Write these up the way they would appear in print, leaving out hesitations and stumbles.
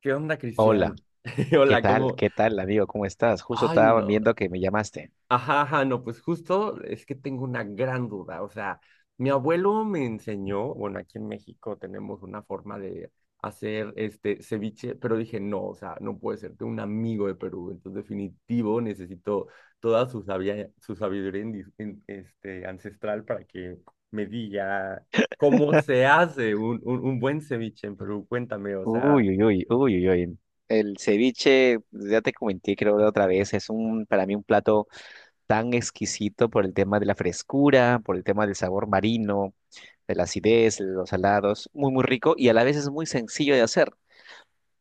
¿Qué onda, Hola, Cristian? ¿qué Hola, tal? ¿cómo? ¿Qué tal, amigo? ¿Cómo estás? Justo Ay, estaba no. viendo que me llamaste. Ajá, ajá, no, pues justo es que tengo una gran duda. O sea, mi abuelo me enseñó, bueno, aquí en México tenemos una forma de hacer este ceviche, pero dije, no, o sea, no puede ser, tengo un amigo de Perú, entonces definitivo necesito toda su sabiduría este, ancestral para que me diga cómo se hace un buen ceviche en Perú. Cuéntame, o sea. Uy, uy, uy, uy, uy, uy. El ceviche, ya te comenté, creo, la otra vez, para mí un plato tan exquisito por el tema de la frescura, por el tema del sabor marino, de la acidez, de los salados, muy, muy rico y a la vez es muy sencillo de hacer.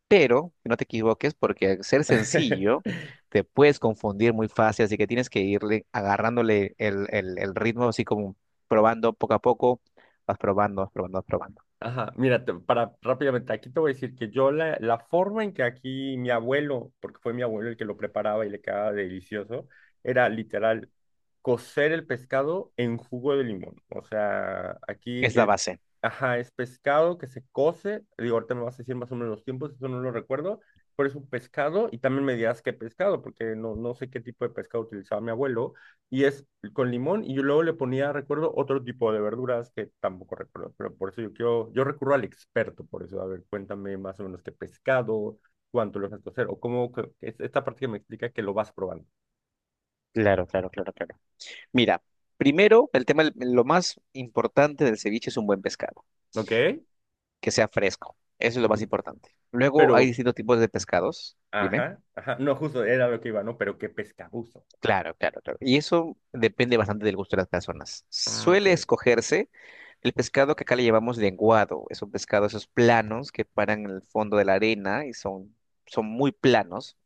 Pero no te equivoques porque al ser sencillo te puedes confundir muy fácil, así que tienes que irle agarrándole el ritmo así como probando poco a poco, vas probando, vas probando, vas probando. Ajá, mira, para rápidamente, aquí te voy a decir que yo la forma en que aquí mi abuelo, porque fue mi abuelo el que lo preparaba y le quedaba delicioso, era literal cocer el pescado en jugo de limón. O sea, aquí Es la el, base. ajá, es pescado que se cose, digo, ahorita me vas a decir más o menos los tiempos, eso no lo recuerdo, pero es un pescado y también me dirás qué pescado, porque no, no sé qué tipo de pescado utilizaba mi abuelo, y es con limón y yo luego le ponía, recuerdo, otro tipo de verduras que tampoco recuerdo, pero por eso yo quiero, yo recurro al experto, por eso, a ver, cuéntame más o menos qué pescado, cuánto lo vas a hacer, o cómo, es esta parte que me explica que lo vas probando, Claro, claro, claro, claro. Mira, primero, el tema, lo más importante del ceviche es un buen pescado, ¿ok? que sea fresco. Eso es lo Ujú. más importante. Luego hay Pero, distintos tipos de pescados, dime. ajá, ajá, no, justo era lo que iba, ¿no? Pero qué pescado uso. Claro, claro, claro. Y eso depende bastante del gusto de las personas. Ah, ok. Suele escogerse. El pescado que acá le llevamos lenguado, es un pescado, esos planos que paran en el fondo de la arena y son muy planos.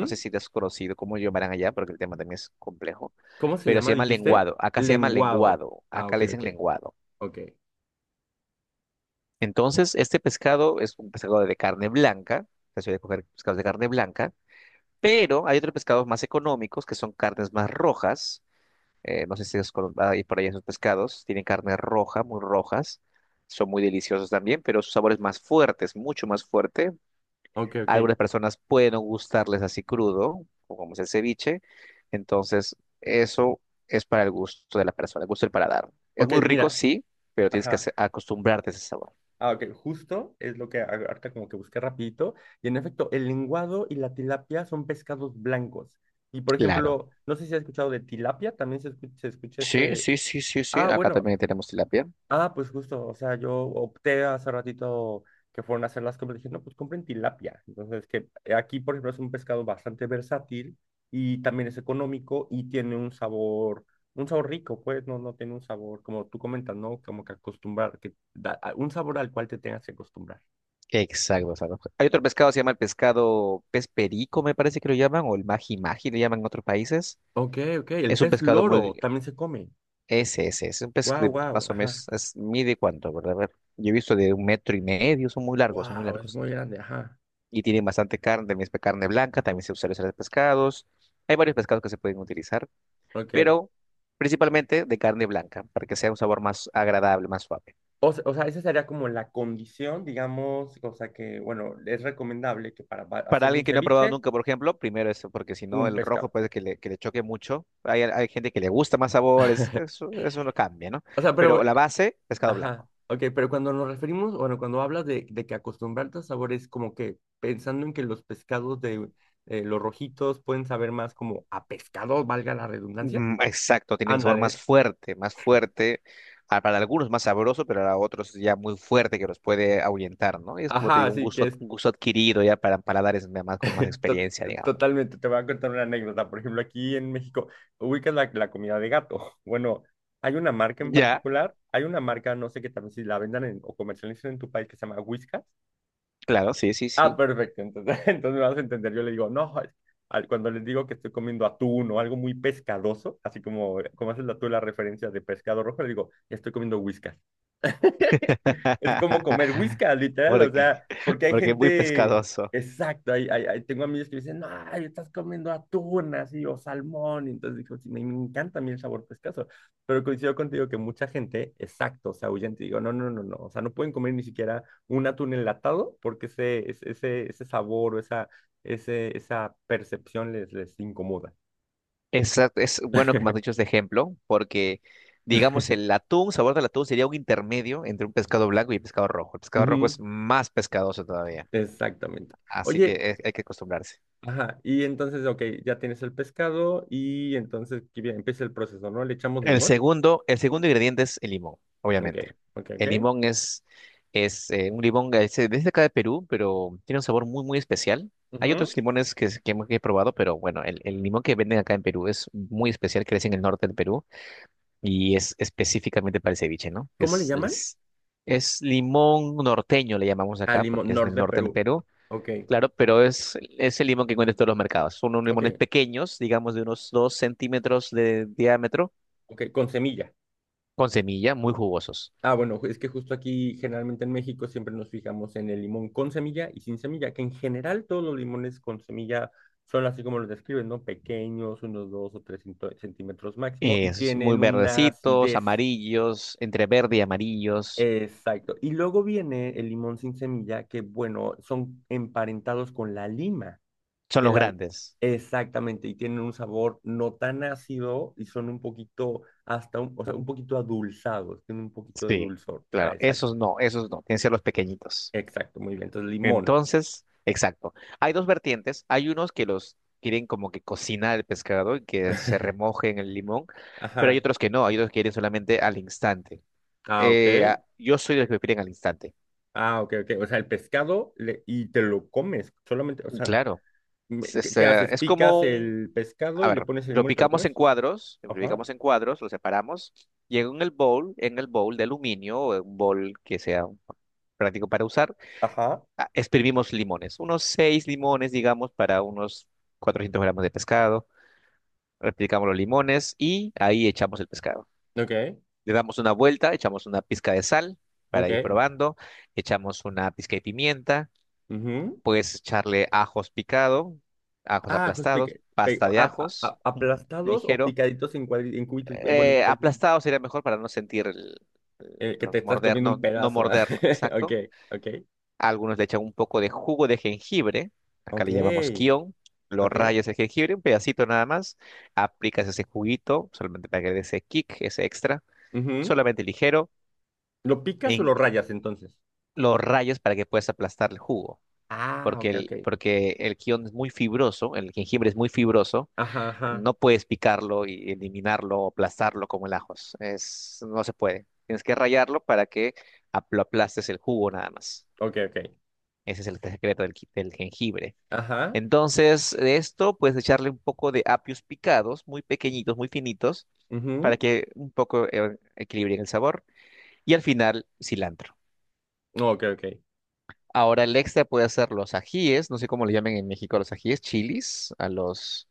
No sé si te has conocido cómo lo llamarán allá, porque el tema también es complejo, ¿Cómo se pero se llama, llama dijiste? lenguado. Acá se llama Lenguado. lenguado, Ah, acá ok, le dicen ok, lenguado. ok, Entonces, este pescado es un pescado de carne blanca, se suele coger pescados de carne blanca, pero hay otros pescados más económicos que son carnes más rojas. No sé si es con- hay por ahí esos pescados. Tienen carne roja, muy rojas. Son muy deliciosos también, pero su sabor es más fuerte, es mucho más fuerte. ok, A ok, algunas personas pueden no gustarles así crudo, o como es el ceviche. Entonces, eso es para el gusto de la persona, el gusto del paladar. Es ok, muy rico, mira, sí, pero tienes que ace- ajá. acostumbrarte a ese sabor. Ah, ok, justo es lo que ahorita como que busqué rapidito. Y en efecto, el lenguado y la tilapia son pescados blancos. Y por Claro, ejemplo, no sé si has escuchado de tilapia, también se escucha, sí, ese... sí, sí, sí, sí. Ah, Acá bueno, también tenemos tilapia. ah, pues justo, o sea, yo opté hace ratito que fueron a hacer las compras, dije, no, pues compren tilapia. Entonces, que aquí, por ejemplo, es un pescado bastante versátil y también es económico y tiene un sabor rico, pues, no, no tiene un sabor, como tú comentas, ¿no? Como que acostumbrar, un sabor al cual te tengas que acostumbrar. Exacto, exacto. Hay otro pescado, se llama el pescado pez perico, me parece que lo llaman, o el magi magi, le llaman en otros países. Ok, ok, el Es un pez pescado muy... loro también se come. Ese, es un pez Wow, de wow, más o ajá. menos, es, mide cuánto, ¿verdad? A ver, yo he visto de un metro y medio, son muy largos, son muy Wow, es largos. muy grande, ajá. Y tienen bastante carne, también es carne blanca, también se usa en los pescados. Hay varios pescados que se pueden utilizar, Ok. pero principalmente de carne blanca, para que sea un sabor más agradable, más suave. O, o sea, esa sería como la condición, digamos, o sea que, bueno, es recomendable que para Para hacer alguien un que no ha probado ceviche, nunca, por ejemplo, primero eso, porque si no, un el rojo pescado. puede que le choque mucho. Hay gente que le gusta más sabores, eso no cambia, ¿no? O sea, pero, Pero la base, pescado blanco. ajá, ok, pero cuando nos referimos, bueno, cuando hablas de que acostumbrarte a sabores, como que pensando en que los pescados de los rojitos pueden saber más como a pescado, valga la redundancia. Exacto, tiene un sabor Ándale, más fuerte, ah, para algunos más sabroso, pero para otros ya muy fuerte que los puede ahuyentar, ¿no? Y es como te ajá, digo, un así gusto, que ad- es un gusto adquirido ya para paladares de más con más To- experiencia, digamos. totalmente, te voy a contar una anécdota. Por ejemplo, aquí en México, ubicas la, la comida de gato. Bueno, hay una marca en Ya, particular, hay una marca, no sé qué también, si la vendan o comercialicen en tu país que se llama Whiskas. claro, sí, sí, Ah, sí. perfecto, entonces, entonces me vas a entender. Yo le digo, no, cuando les digo que estoy comiendo atún o algo muy pescadoso, así como, como haces la, tú la referencia de pescado rojo, le digo, estoy comiendo Whiskas. Es como comer whiskas, literal, o Porque, sea, porque hay porque es muy gente, pescadoso. exacto, hay, tengo amigos que dicen, no, ay, estás comiendo atún así o salmón, y entonces digo, sí, me encanta a mí el sabor pescazo, pero coincido contigo que mucha gente, exacto, o sea, huyen, te digo, no, no, no, no, o sea, no pueden comer ni siquiera un atún enlatado porque ese sabor o esa, ese, esa percepción les, les incomoda. Exacto, es bueno que me has dicho este ejemplo, porque digamos el atún, sabor del atún sería un intermedio entre un pescado blanco y pescado rojo. El pescado rojo es Ujú, más pescadoso todavía, exactamente. así que Oye, hay que acostumbrarse. ajá, y entonces, ok, ya tienes el pescado y entonces que bien, empieza el proceso, ¿no? Le echamos El limón. segundo, el segundo ingrediente es el limón, Ok, obviamente. ok, ok. El limón es un limón que es de acá de Perú, pero tiene un sabor muy, muy especial. Hay Ujú. otros limones que, que he probado, pero bueno, el limón que venden acá en Perú es muy especial, crece en el norte del Perú y es específicamente para el ceviche, ¿no? ¿Cómo le Es, llaman? es, es limón norteño, le llamamos Al acá, porque limón, es del norte de norte del Perú. Perú, Ok, claro, pero es el limón que encuentras en todos los mercados. Son unos ok, limones pequeños, digamos de unos 2 centímetros de diámetro ok, con semilla. con semilla, muy jugosos. Ah, bueno, es que justo aquí, generalmente en México, siempre nos fijamos en el limón con semilla y sin semilla, que en general todos los limones con semilla son así como los describen, ¿no? Pequeños, unos dos o tres centímetros máximo, y Es muy tienen una verdecitos, acidez. amarillos, entre verde y amarillos. Exacto. Y luego viene el limón sin semilla, que bueno, son emparentados con la lima, Son que los la... grandes. Exactamente, y tienen un sabor no tan ácido y son un poquito, hasta un, o sea, un poquito adulzados, tienen un poquito de Sí, dulzor. Ah, claro. exacto, Esos no, esos no. Tienen que ser los pequeñitos. exacto, muy bien. Entonces, limón. Entonces, exacto. Hay dos vertientes. Hay unos que los quieren como que cocinar el pescado y que se remoje en el limón, pero hay Ajá. otros que no. Hay otros que quieren solamente al instante. Ah, ok. Yo soy de los que lo quieren al instante. Ah, ok, ok. O sea, y te lo comes, solamente, o Y sea, claro, es, ¿qué, es, qué eh, haces? es como Picas un. el pescado A y le ver, pones el lo limón y te lo picamos en comes. cuadros, Ajá. Lo separamos y en el bowl de aluminio o en un bowl que sea práctico para usar, Ajá. Exprimimos limones, unos seis limones, digamos, para unos 400 gramos de pescado. Replicamos los limones y ahí echamos el pescado. Ok, Le damos una vuelta, echamos una pizca de sal para ok. ir probando, echamos una pizca de pimienta, Ujú. puedes echarle ajos picado, ajos Ah, ajos pica- aplastados, pe- pasta de ajos, a- un aplastados o ligero picaditos en, en cubitos, bueno, aplastado sería mejor para no sentir el, que te estás comiendo no, un no pedazo. Ah. morderlo, Ok, exacto. ok, A algunos le echan un poco de jugo de jengibre, acá ok, le llamamos kion, lo ok. rayas el jengibre, un pedacito nada más, aplicas ese juguito, solamente para que dé ese kick, ese extra, Ujú. solamente ligero, ¿Lo picas o en, lo eh, rayas entonces? lo rayas para que puedas aplastar el jugo, Ah, porque ok, ok. porque el kion es muy fibroso, el jengibre es muy fibroso. Ajá, ajá. No puedes picarlo y eliminarlo o aplastarlo como el ajos. Es, no se puede. Tienes que rallarlo para que lo aplastes el jugo nada más. Ok, ok. Ese es el secreto del jengibre. Ajá. Entonces, de esto puedes echarle un poco de apios picados, muy pequeñitos, muy finitos, para Ujú. que un poco equilibren el sabor. Y al final, cilantro. No, ok, ok. Ahora el extra puede hacer los ajíes, no sé cómo le llaman en México a los ajíes, chilis,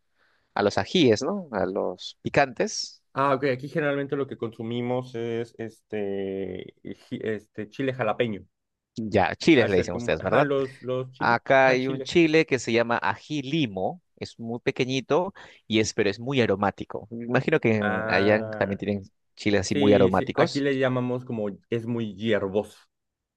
a los ajíes, ¿no? A los picantes. Ah, ok, aquí generalmente lo que consumimos es este, este chile jalapeño. Ya, A chiles le ser dicen como, ustedes, ajá, ¿verdad? Los chiles, Acá ajá, hay un chile. chile que se llama ají limo, es muy pequeñito y es, pero es muy aromático. Me imagino que allá también Ah. tienen chiles así muy Sí, sí, aquí aromáticos. le llamamos como es muy hierboso,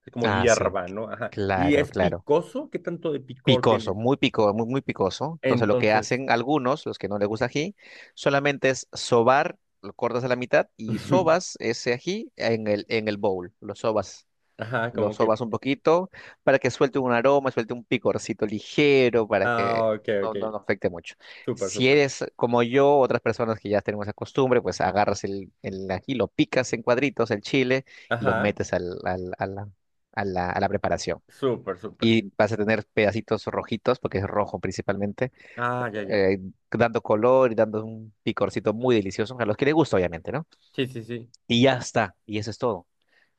es como Ah, sí, hierba, ¿no? Ajá. ¿Y claro, es claro. picoso? ¿Qué tanto de picor Picoso, tiene? muy pico, muy, muy picoso. Entonces lo que Entonces, hacen algunos, los que no les gusta ají, solamente es sobar, lo cortas a la mitad y sobas ese ají en el bowl, lo sobas. ajá, Lo como que, sobas un poquito para que suelte un aroma, suelte un picorcito ligero, para que ah, ok, no, ok, no, no afecte mucho. súper, Si súper, eres como yo, otras personas que ya tenemos esa costumbre, pues agarras el ají, lo picas en cuadritos, el chile, y lo ajá, metes a la preparación. súper, súper, Y vas a tener pedacitos rojitos, porque es rojo principalmente, ah, ya, ya, eh, dando color y dando un picorcito muy delicioso, a los que les gusta, obviamente, ¿no? sí, sí, sí, Y ya está, y eso es todo.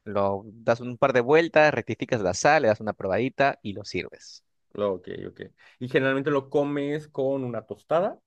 Lo das un par de vueltas, rectificas la sal, le das una probadita y lo sirves. Ok, ok. Y generalmente lo comes con una tostada,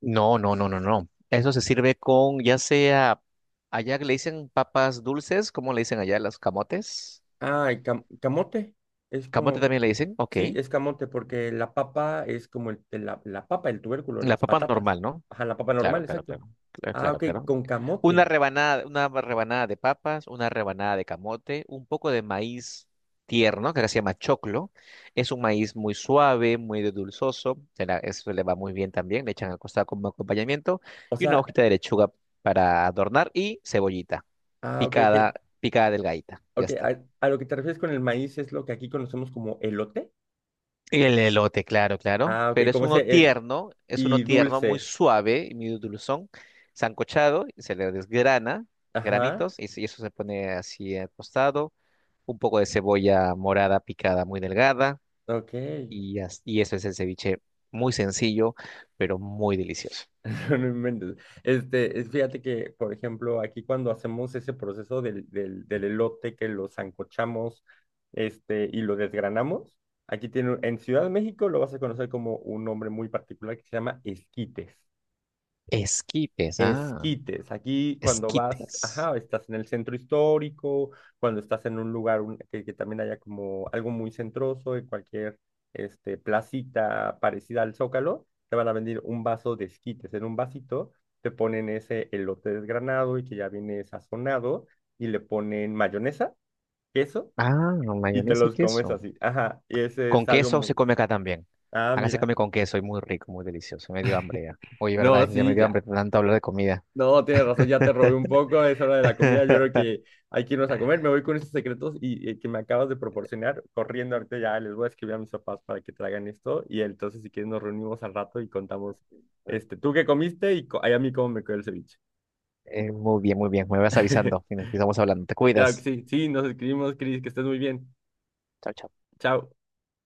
No, no, no, no, no. Eso se sirve con, ya sea, allá le dicen papas dulces, ¿cómo le dicen allá las camotes? ah, camote, es Camote como, también le dicen, ok. sí, es camote porque la papa es como la papa, el tubérculo, La las papa patatas. normal, ¿no? Ajá, la papa Claro, normal, claro, exacto. claro. Ah, Claro, ok, claro. con camote. Una rebanada de papas, una rebanada de camote, un poco de maíz tierno, que acá se llama choclo. Es un maíz muy suave, muy dulzoso. Eso le va muy bien también. Le echan al costado como acompañamiento. O Y una sea, hojita de lechuga para adornar y cebollita ah, ok, ok. picada, picada delgadita. Ya Ok, está. A lo que te refieres con el maíz es lo que aquí conocemos como elote. El elote, claro, claro. Ah, ok, Pero como ese, el, es uno y tierno, muy dulce. suave y muy dulzón, sancochado, y se le desgrana, Ajá, granitos, y eso se pone así al costado. Un poco de cebolla morada picada muy delgada, ok. Y eso es el ceviche muy sencillo, pero muy delicioso. No, no inventes. Este, fíjate que, por ejemplo, aquí cuando hacemos ese proceso del elote que lo sancochamos, este, y lo desgranamos, aquí tiene, en Ciudad de México lo vas a conocer como un nombre muy particular que se llama esquites. Esquites, ah, Esquites, aquí cuando vas, esquites. ajá, estás en el centro histórico, cuando estás en un lugar que también haya como algo muy centroso, en cualquier este, placita parecida al Zócalo, te van a vender un vaso de esquites. En un vasito te ponen ese elote desgranado y que ya viene sazonado y le ponen mayonesa, queso Ah, y te mayonesa y los comes queso. así. Ajá, y ese Con es algo queso se muy... come acá también. Ah, Acá se mira. come con queso y muy rico, muy delicioso. Me dio hambre ya. Oye, No, verdad, ya me sí, dio ya. hambre tanto hablar de comida. No, tienes razón, ya te robé un poco, es hora de la comida, yo creo que hay que irnos a comer, me voy con esos secretos y, que me acabas de proporcionar, corriendo ahorita ya les voy a escribir a mis papás para que traigan esto y entonces si quieres nos reunimos al rato y contamos, este, tú qué comiste y ay, a mí cómo me quedó el ceviche. Muy bien, muy bien. Me vas avisando y nos estamos hablando. Te Claro que cuidas. sí, sí, nos escribimos, Cris, que estés muy bien, Chao, chao. chao.